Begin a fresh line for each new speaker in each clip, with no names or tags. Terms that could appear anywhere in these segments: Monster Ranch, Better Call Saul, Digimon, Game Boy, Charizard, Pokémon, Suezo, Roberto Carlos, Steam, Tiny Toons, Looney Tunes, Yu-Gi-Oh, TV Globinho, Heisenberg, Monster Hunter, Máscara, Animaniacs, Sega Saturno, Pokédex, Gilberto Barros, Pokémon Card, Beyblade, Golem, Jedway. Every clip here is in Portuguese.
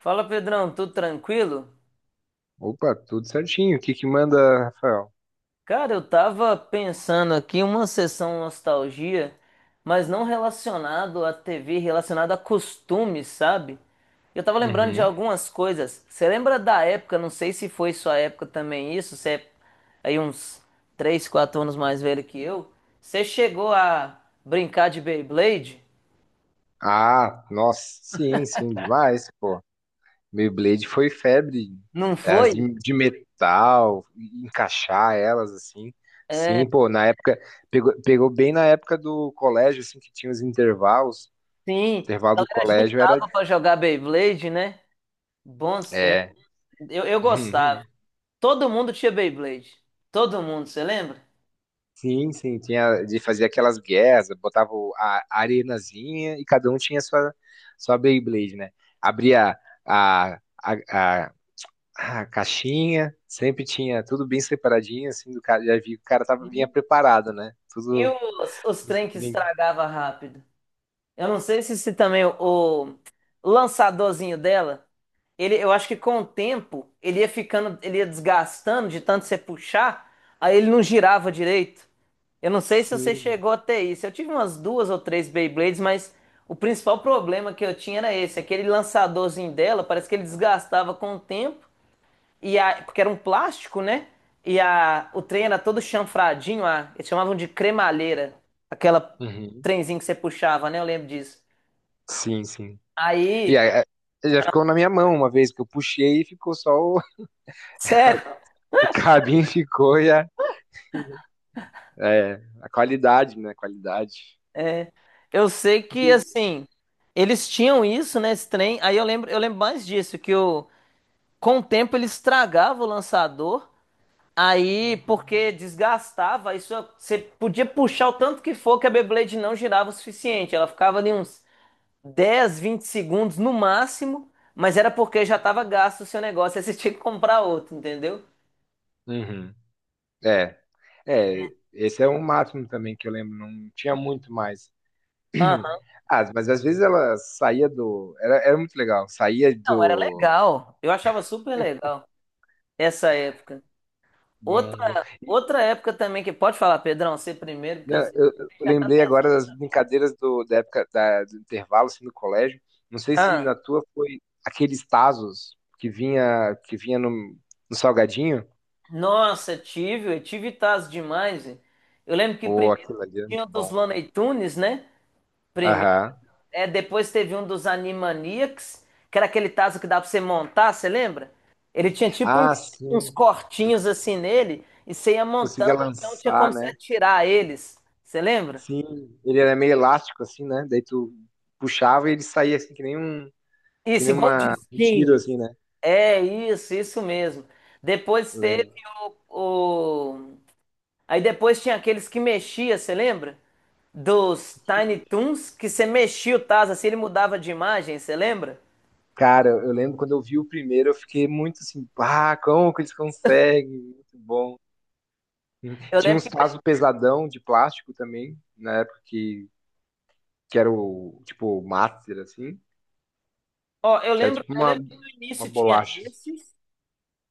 Fala Pedrão, tudo tranquilo?
Opa, tudo certinho. O que que manda, Rafael?
Cara, eu tava pensando aqui uma sessão nostalgia, mas não relacionado à TV, relacionado a costumes, sabe? Eu tava lembrando de
Uhum.
algumas coisas. Você lembra da época, não sei se foi sua época também isso, você é aí uns 3, 4 anos mais velho que eu. Você chegou a brincar de Beyblade?
Ah, nossa, sim, sim, demais, pô. Meu Blade foi febre,
Não
as
foi?
de metal, encaixar elas assim.
É,
Sim, pô, na época pegou, pegou bem na época do colégio assim que tinha os intervalos.
sim. A
Intervalo do
galera
colégio era
juntava pra jogar Beyblade, né? Bons tempos.
é.
Eu gostava. Todo mundo tinha Beyblade. Todo mundo, você lembra?
Sim, sim, tinha de fazer aquelas guerras, botava a arenazinha e cada um tinha sua sua Beyblade, né? Abria a, a, a, a caixinha, sempre tinha tudo bem separadinho, assim, do cara, já vi que o cara tava, vinha
Sim.
preparado, né?
E
Tudo
os
os
trem que
brinquedos.
estragava rápido. Eu não sei se também o lançadorzinho dela, ele, eu acho que com o tempo ele ia ficando, ele ia desgastando de tanto você puxar, aí ele não girava direito. Eu não sei se você
Sim.
chegou até isso. Eu tive umas duas ou três Beyblades, mas o principal problema que eu tinha era esse. Aquele lançadorzinho dela, parece que ele desgastava com o tempo. E a, porque era um plástico, né? E a, o trem era todo chanfradinho, a, eles chamavam de cremalheira, aquela
Uhum.
trenzinho que você puxava, né? Eu lembro disso.
Sim, sim. E
Aí,
aí, é, já ficou na minha mão uma vez que eu puxei e ficou só o,
sério,
o cabinho ficou e a, é, a qualidade, né? A qualidade.
é, eu sei que
Porque-
assim, eles tinham isso, né, esse trem. Aí eu lembro mais disso, que o, com o tempo ele estragava o lançador. Aí, porque desgastava, isso você podia puxar o tanto que for que a Beyblade não girava o suficiente. Ela ficava ali uns 10, 20 segundos no máximo, mas era porque já estava gasto o seu negócio, aí você tinha que comprar outro, entendeu?
Uhum. É, é, esse é o máximo também que eu lembro, não tinha muito mais.
Aham.
Ah, mas às vezes ela saía do. Era, era muito legal, saía
Não, era
do.
legal. Eu achava super legal essa época.
Bom,
Outra época também que pode falar, Pedrão, você primeiro, porque eu
né,
sei
eu
que já tá
lembrei agora
pensando
das
nessa coisa.
brincadeiras do, da época do intervalo assim, no colégio. Não sei se
Ah,
na tua foi aqueles tazos que vinha no, no salgadinho.
nossa, eu tive taz demais, velho. Eu lembro que
Pô,
primeiro
aquilo ali era
tinha
muito
o dos
bom.
Looney Tunes, né?
Aham.
É, depois teve um dos Animaniacs, que era aquele tazo que dava pra você montar, você lembra? Ele tinha tipo
Ah,
uns,
sim. Tu c-
cortinhos assim nele, e você ia
conseguia
montando, então tinha
lançar,
como você
né?
atirar eles. Você lembra?
Sim, ele era meio elástico, assim, né? Daí tu puxava e ele saía assim, que nem um, que
Isso,
nem
igual um
uma, um tiro,
disquinho.
assim, né?
É isso, isso mesmo. Depois
Eu
teve
lembro.
o. Aí depois tinha aqueles que mexia, você lembra? Dos Tiny Toons, que você mexia o Taz assim, ele mudava de imagem, você lembra?
Cara, eu lembro quando eu vi o primeiro, eu fiquei muito assim, ah, como que eles conseguem? Muito bom. Hum.
Eu
Tinha
lembro
uns
que,
tazos pesadão de plástico também, na época que era o, tipo, o master, assim,
ó,
que era tipo
eu lembro que no
uma
início tinha
bolacha.
esses.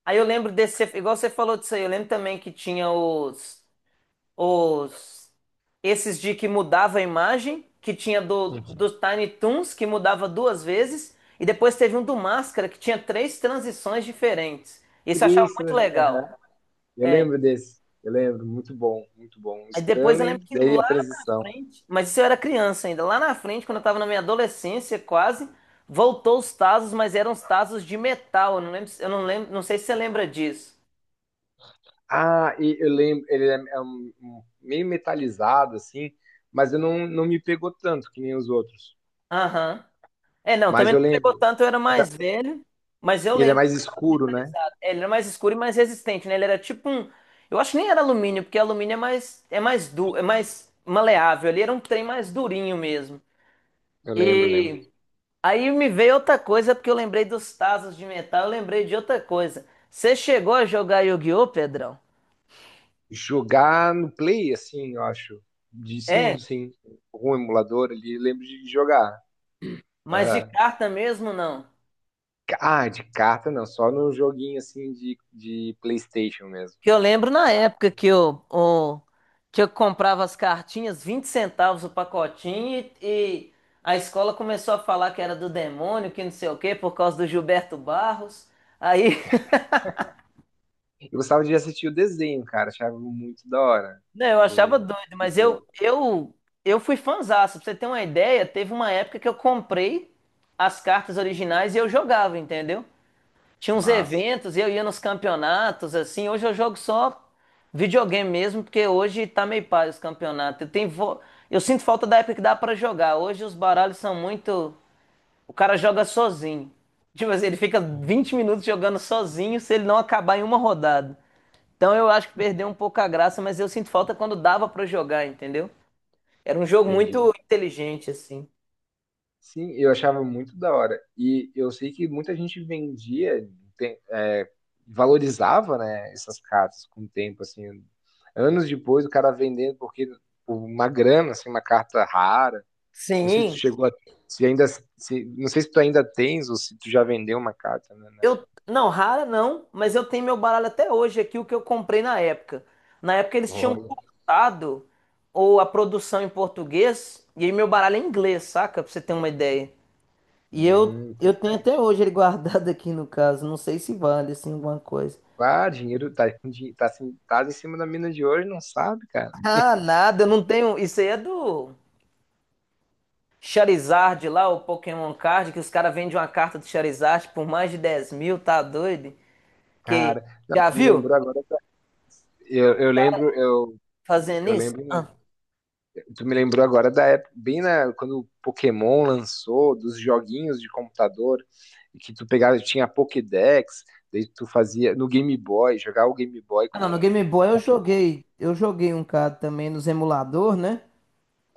Aí eu lembro desse, igual você falou disso aí, eu lembro também que tinha os, esses de que mudava a imagem, que tinha do Tiny Toons, que mudava duas vezes, e depois teve um do Máscara, que tinha três transições diferentes. Isso eu achava
Três,
muito legal.
aham. Eu
É.
lembro desse, eu lembro, muito bom, muito bom.
Aí depois eu lembro
Stanley,
que
daí
lá
a
na
transição.
frente, mas isso eu era criança ainda, lá na frente, quando eu tava na minha adolescência quase, voltou os Tazos, mas eram os Tazos de metal, eu não lembro, eu não lembro, não sei se você lembra disso.
Ah, e eu lembro, ele é, é meio metalizado, assim, mas eu não, não me pegou tanto que nem os outros.
Aham. É, não,
Mas
também
eu
não pegou
lembro.
tanto, eu era mais velho, mas eu
Ele é
lembro
mais
tava
escuro, né?
metalizado. É, ele era mais escuro e mais resistente, né? Ele era tipo um. Eu acho que nem era alumínio, porque alumínio é mais maleável. Ele era um trem mais durinho mesmo.
Eu lembro, lembro.
E aí me veio outra coisa, porque eu lembrei dos tazos de metal, eu lembrei de outra coisa. Você chegou a jogar Yu-Gi-Oh, Pedrão?
Jogar no Play, assim, eu acho. De, sim,
É,
sim. Algum emulador ali, eu lembro de jogar.
mas de
Aham.
carta mesmo não.
Ah, de carta não, só no joguinho, assim, de PlayStation mesmo.
Que eu lembro na época que que eu comprava as cartinhas, 20 centavos o pacotinho, e a escola começou a falar que era do demônio, que não sei o quê, por causa do Gilberto Barros. Aí,
Eu gostava de assistir o desenho, cara, achava muito da hora
né, eu achava
do,
doido,
do
mas eu,
jogo.
eu, eu fui fãzaço. Pra você ter uma ideia, teve uma época que eu comprei as cartas originais e eu jogava, entendeu? Tinha uns
Mas,
eventos e eu ia nos campeonatos, assim. Hoje eu jogo só videogame mesmo, porque hoje tá meio pai os campeonatos. Eu sinto falta da época que dá pra jogar. Hoje os baralhos são muito. O cara joga sozinho. Tipo assim, ele fica 20 minutos jogando sozinho se ele não acabar em uma rodada. Então eu acho que perdeu um pouco a graça, mas eu sinto falta quando dava pra jogar, entendeu? Era um jogo
entendi.
muito inteligente, assim.
Sim, eu achava muito da hora. E eu sei que muita gente vendia, é, valorizava, né, essas cartas com o tempo, assim. Anos depois, o cara vendendo porque por uma grana, assim, uma carta rara. Não sei se tu
Sim.
chegou a, se ainda, se, não sei se tu ainda tens ou se tu já vendeu uma carta, né, nessa.
Não, rara não, mas eu tenho meu baralho até hoje aqui, o que eu comprei na época. Na época eles tinham
Olha,
cortado ou a produção em português e aí meu baralho é em inglês, saca? Pra você ter uma ideia. E eu tenho até
interessante.
hoje ele guardado aqui no caso, não sei se vale assim alguma coisa.
Ah, dinheiro tá, tá, assim, tá em cima da mina de hoje, não sabe, cara.
Ah, nada, eu não tenho. Isso aí é do Charizard lá, o Pokémon Card, que os caras vendem uma carta do Charizard por mais de 10 mil, tá doido? Que
Cara, não,
já
tu me
viu
lembrou agora. Eu, eu lembro, eu,
fazendo
eu
isso?
lembro.
Ah.
Tu me lembrou agora da época, bem na, quando o Pokémon lançou, dos joguinhos de computador, que tu pegava, tinha Pokédex, daí tu fazia no Game Boy, jogava o Game Boy
Ah,
com
não, no Game Boy
o
eu
Pokémon.
joguei. Eu joguei um CAD também nos emulador, né?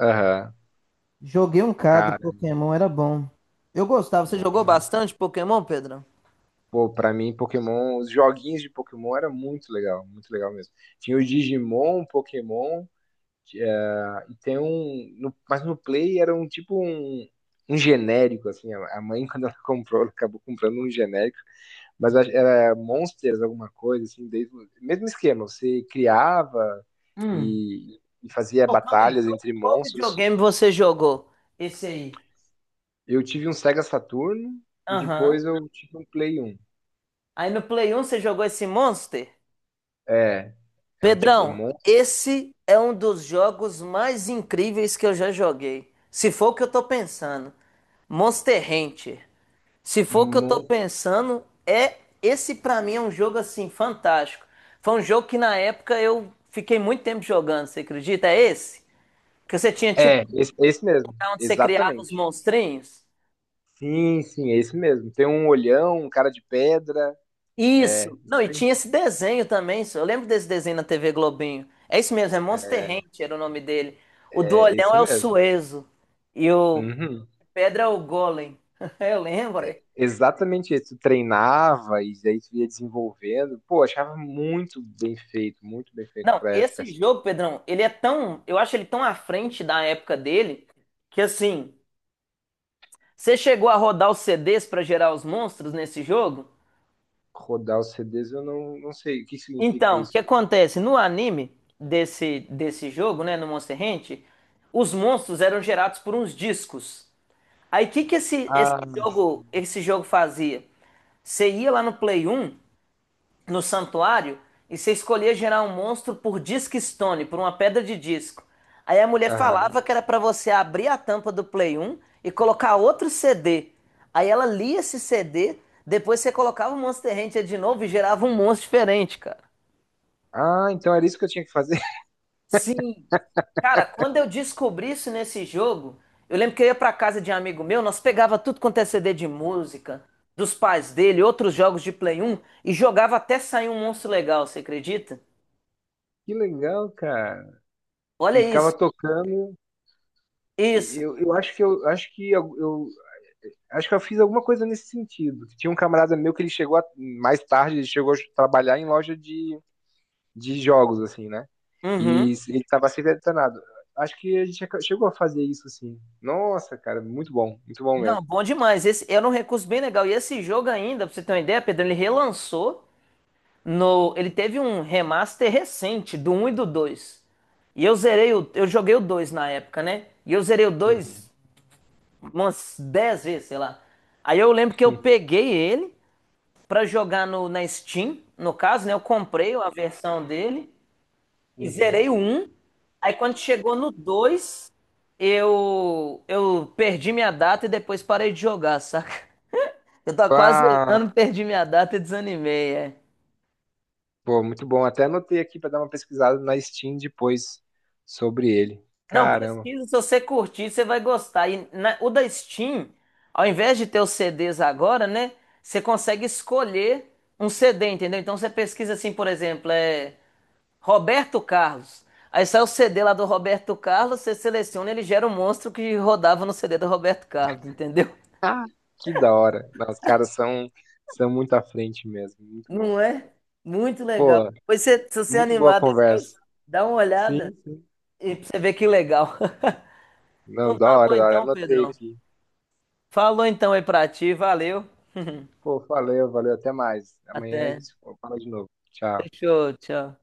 Aham,
Joguei um CAD do
cara,
Pokémon, era bom. Eu gostava. Você
bom
jogou
demais.
bastante Pokémon, Pedrão?
Pô, pra mim, Pokémon, os joguinhos de Pokémon era muito legal mesmo. Tinha o Digimon, Pokémon, ah, e tem um. Mas no Play era um tipo um, um genérico, assim. A mãe, quando ela comprou, ela acabou comprando um genérico. Mas era Monsters, alguma coisa, assim, desde, mesmo esquema, você criava
Hum.
e fazia
Ô, calma aí.
batalhas
Qual,
entre
qual
monstros.
videogame você jogou? Esse aí.
Eu tive um Sega Saturno e
Aham.
depois eu tive um Play 1.
Aí no Play 1 você jogou esse Monster?
É, é um tipo,
Pedrão, esse é um dos jogos mais incríveis que eu já joguei. Se for o que eu tô pensando. Monster Hunter. Se for o que eu tô
mon,
pensando, é esse pra mim é um jogo assim fantástico. Foi um jogo que na época eu fiquei muito tempo jogando, você acredita? É esse? Que você tinha tipo
é,
um
esse mesmo,
lugar onde você criava os
exatamente.
monstrinhos?
Sim, sim, é esse mesmo. Tem um olhão, um cara de pedra, é,
Isso. Não,
isso
e
aí,
tinha esse desenho também, só eu lembro desse desenho na TV Globinho. É isso mesmo, é Monster Ranch era o nome dele. O do
é
olhão
esse
é o
mesmo.
Suezo e o
Uhum.
Pedra é o Golem. Eu lembro.
Exatamente isso. Tu treinava e daí tu ia desenvolvendo. Pô, achava muito bem feito
Não,
pra época,
esse
assim.
jogo, Pedrão, ele é tão. Eu acho ele tão à frente da época dele que assim. Você chegou a rodar os CDs pra gerar os monstros nesse jogo?
Rodar os CDs, eu não, não sei o que significa
Então, o que
isso.
acontece? No anime desse jogo, né? No Monster Hunter, os monstros eram gerados por uns discos. Aí o que, que esse, esse
Ah,
jogo, esse jogo fazia? Você ia lá no Play 1 no santuário e você escolhia gerar um monstro por disc stone, por uma pedra de disco. Aí a mulher
aham.
falava que era pra você abrir a tampa do Play 1 e colocar outro CD. Aí ela lia esse CD, depois você colocava o Monster Hunter de novo e gerava um monstro diferente, cara.
Ah, então era isso que eu tinha que fazer.
Sim. Cara, quando eu descobri isso nesse jogo, eu lembro que eu ia pra casa de um amigo meu, nós pegava tudo quanto é CD de música, dos pais dele, outros jogos de Play 1 e jogava até sair um monstro legal, você acredita?
Que legal, cara.
Olha
E ficava
isso.
tocando. E
Isso.
Eu acho que eu acho que eu- acho que eu fiz alguma coisa nesse sentido. Tinha um camarada meu que ele chegou mais tarde, ele chegou a trabalhar em loja de jogos, assim, né? E
Uhum.
ele tava sempre detonado. Acho que a gente chegou a fazer isso, assim. Nossa, cara, muito bom
Não,
mesmo.
bom demais. Esse era um recurso bem legal. E esse jogo ainda, pra você ter uma ideia, Pedro, ele relançou no. Ele teve um remaster recente do um e do dois. E eu zerei o. Eu joguei o 2 na época, né? E eu zerei o dois
Uhum.
umas 10 vezes, sei lá. Aí eu lembro que eu peguei ele pra jogar no, na Steam, no caso, né? Eu comprei a versão dele. E
Uhum.
zerei o 1. Aí quando chegou no 2 eu perdi minha data e depois parei de jogar, saca? Eu tava quase
Ah,
zerando, perdi minha data e desanimei, é.
pô, muito bom. Até anotei aqui pra dar uma pesquisada na Steam depois sobre ele.
Não,
Caramba,
pesquisa, se você curtir, você vai gostar. E na- o da Steam, ao invés de ter os CDs agora, né? Você consegue escolher um CD, entendeu? Então você pesquisa assim, por exemplo, é Roberto Carlos. Aí sai o CD lá do Roberto Carlos, você seleciona, ele gera um monstro que rodava no CD do Roberto Carlos, entendeu?
que da hora. Não, os caras são, são muito à frente mesmo, muito bom.
Não é? Muito legal.
Pô,
Pois você- se você
muito boa
animar
conversa.
depois, dá uma olhada
Sim, sim.
e pra você ver que legal.
Não,
Então
da
tá bom
hora, da hora.
então,
Anotei
Pedrão.
aqui.
Falou então aí pra ti, valeu.
Pô, valeu, valeu. Até mais. Amanhã a
Até.
gente fala de novo. Tchau.
Fechou, tchau.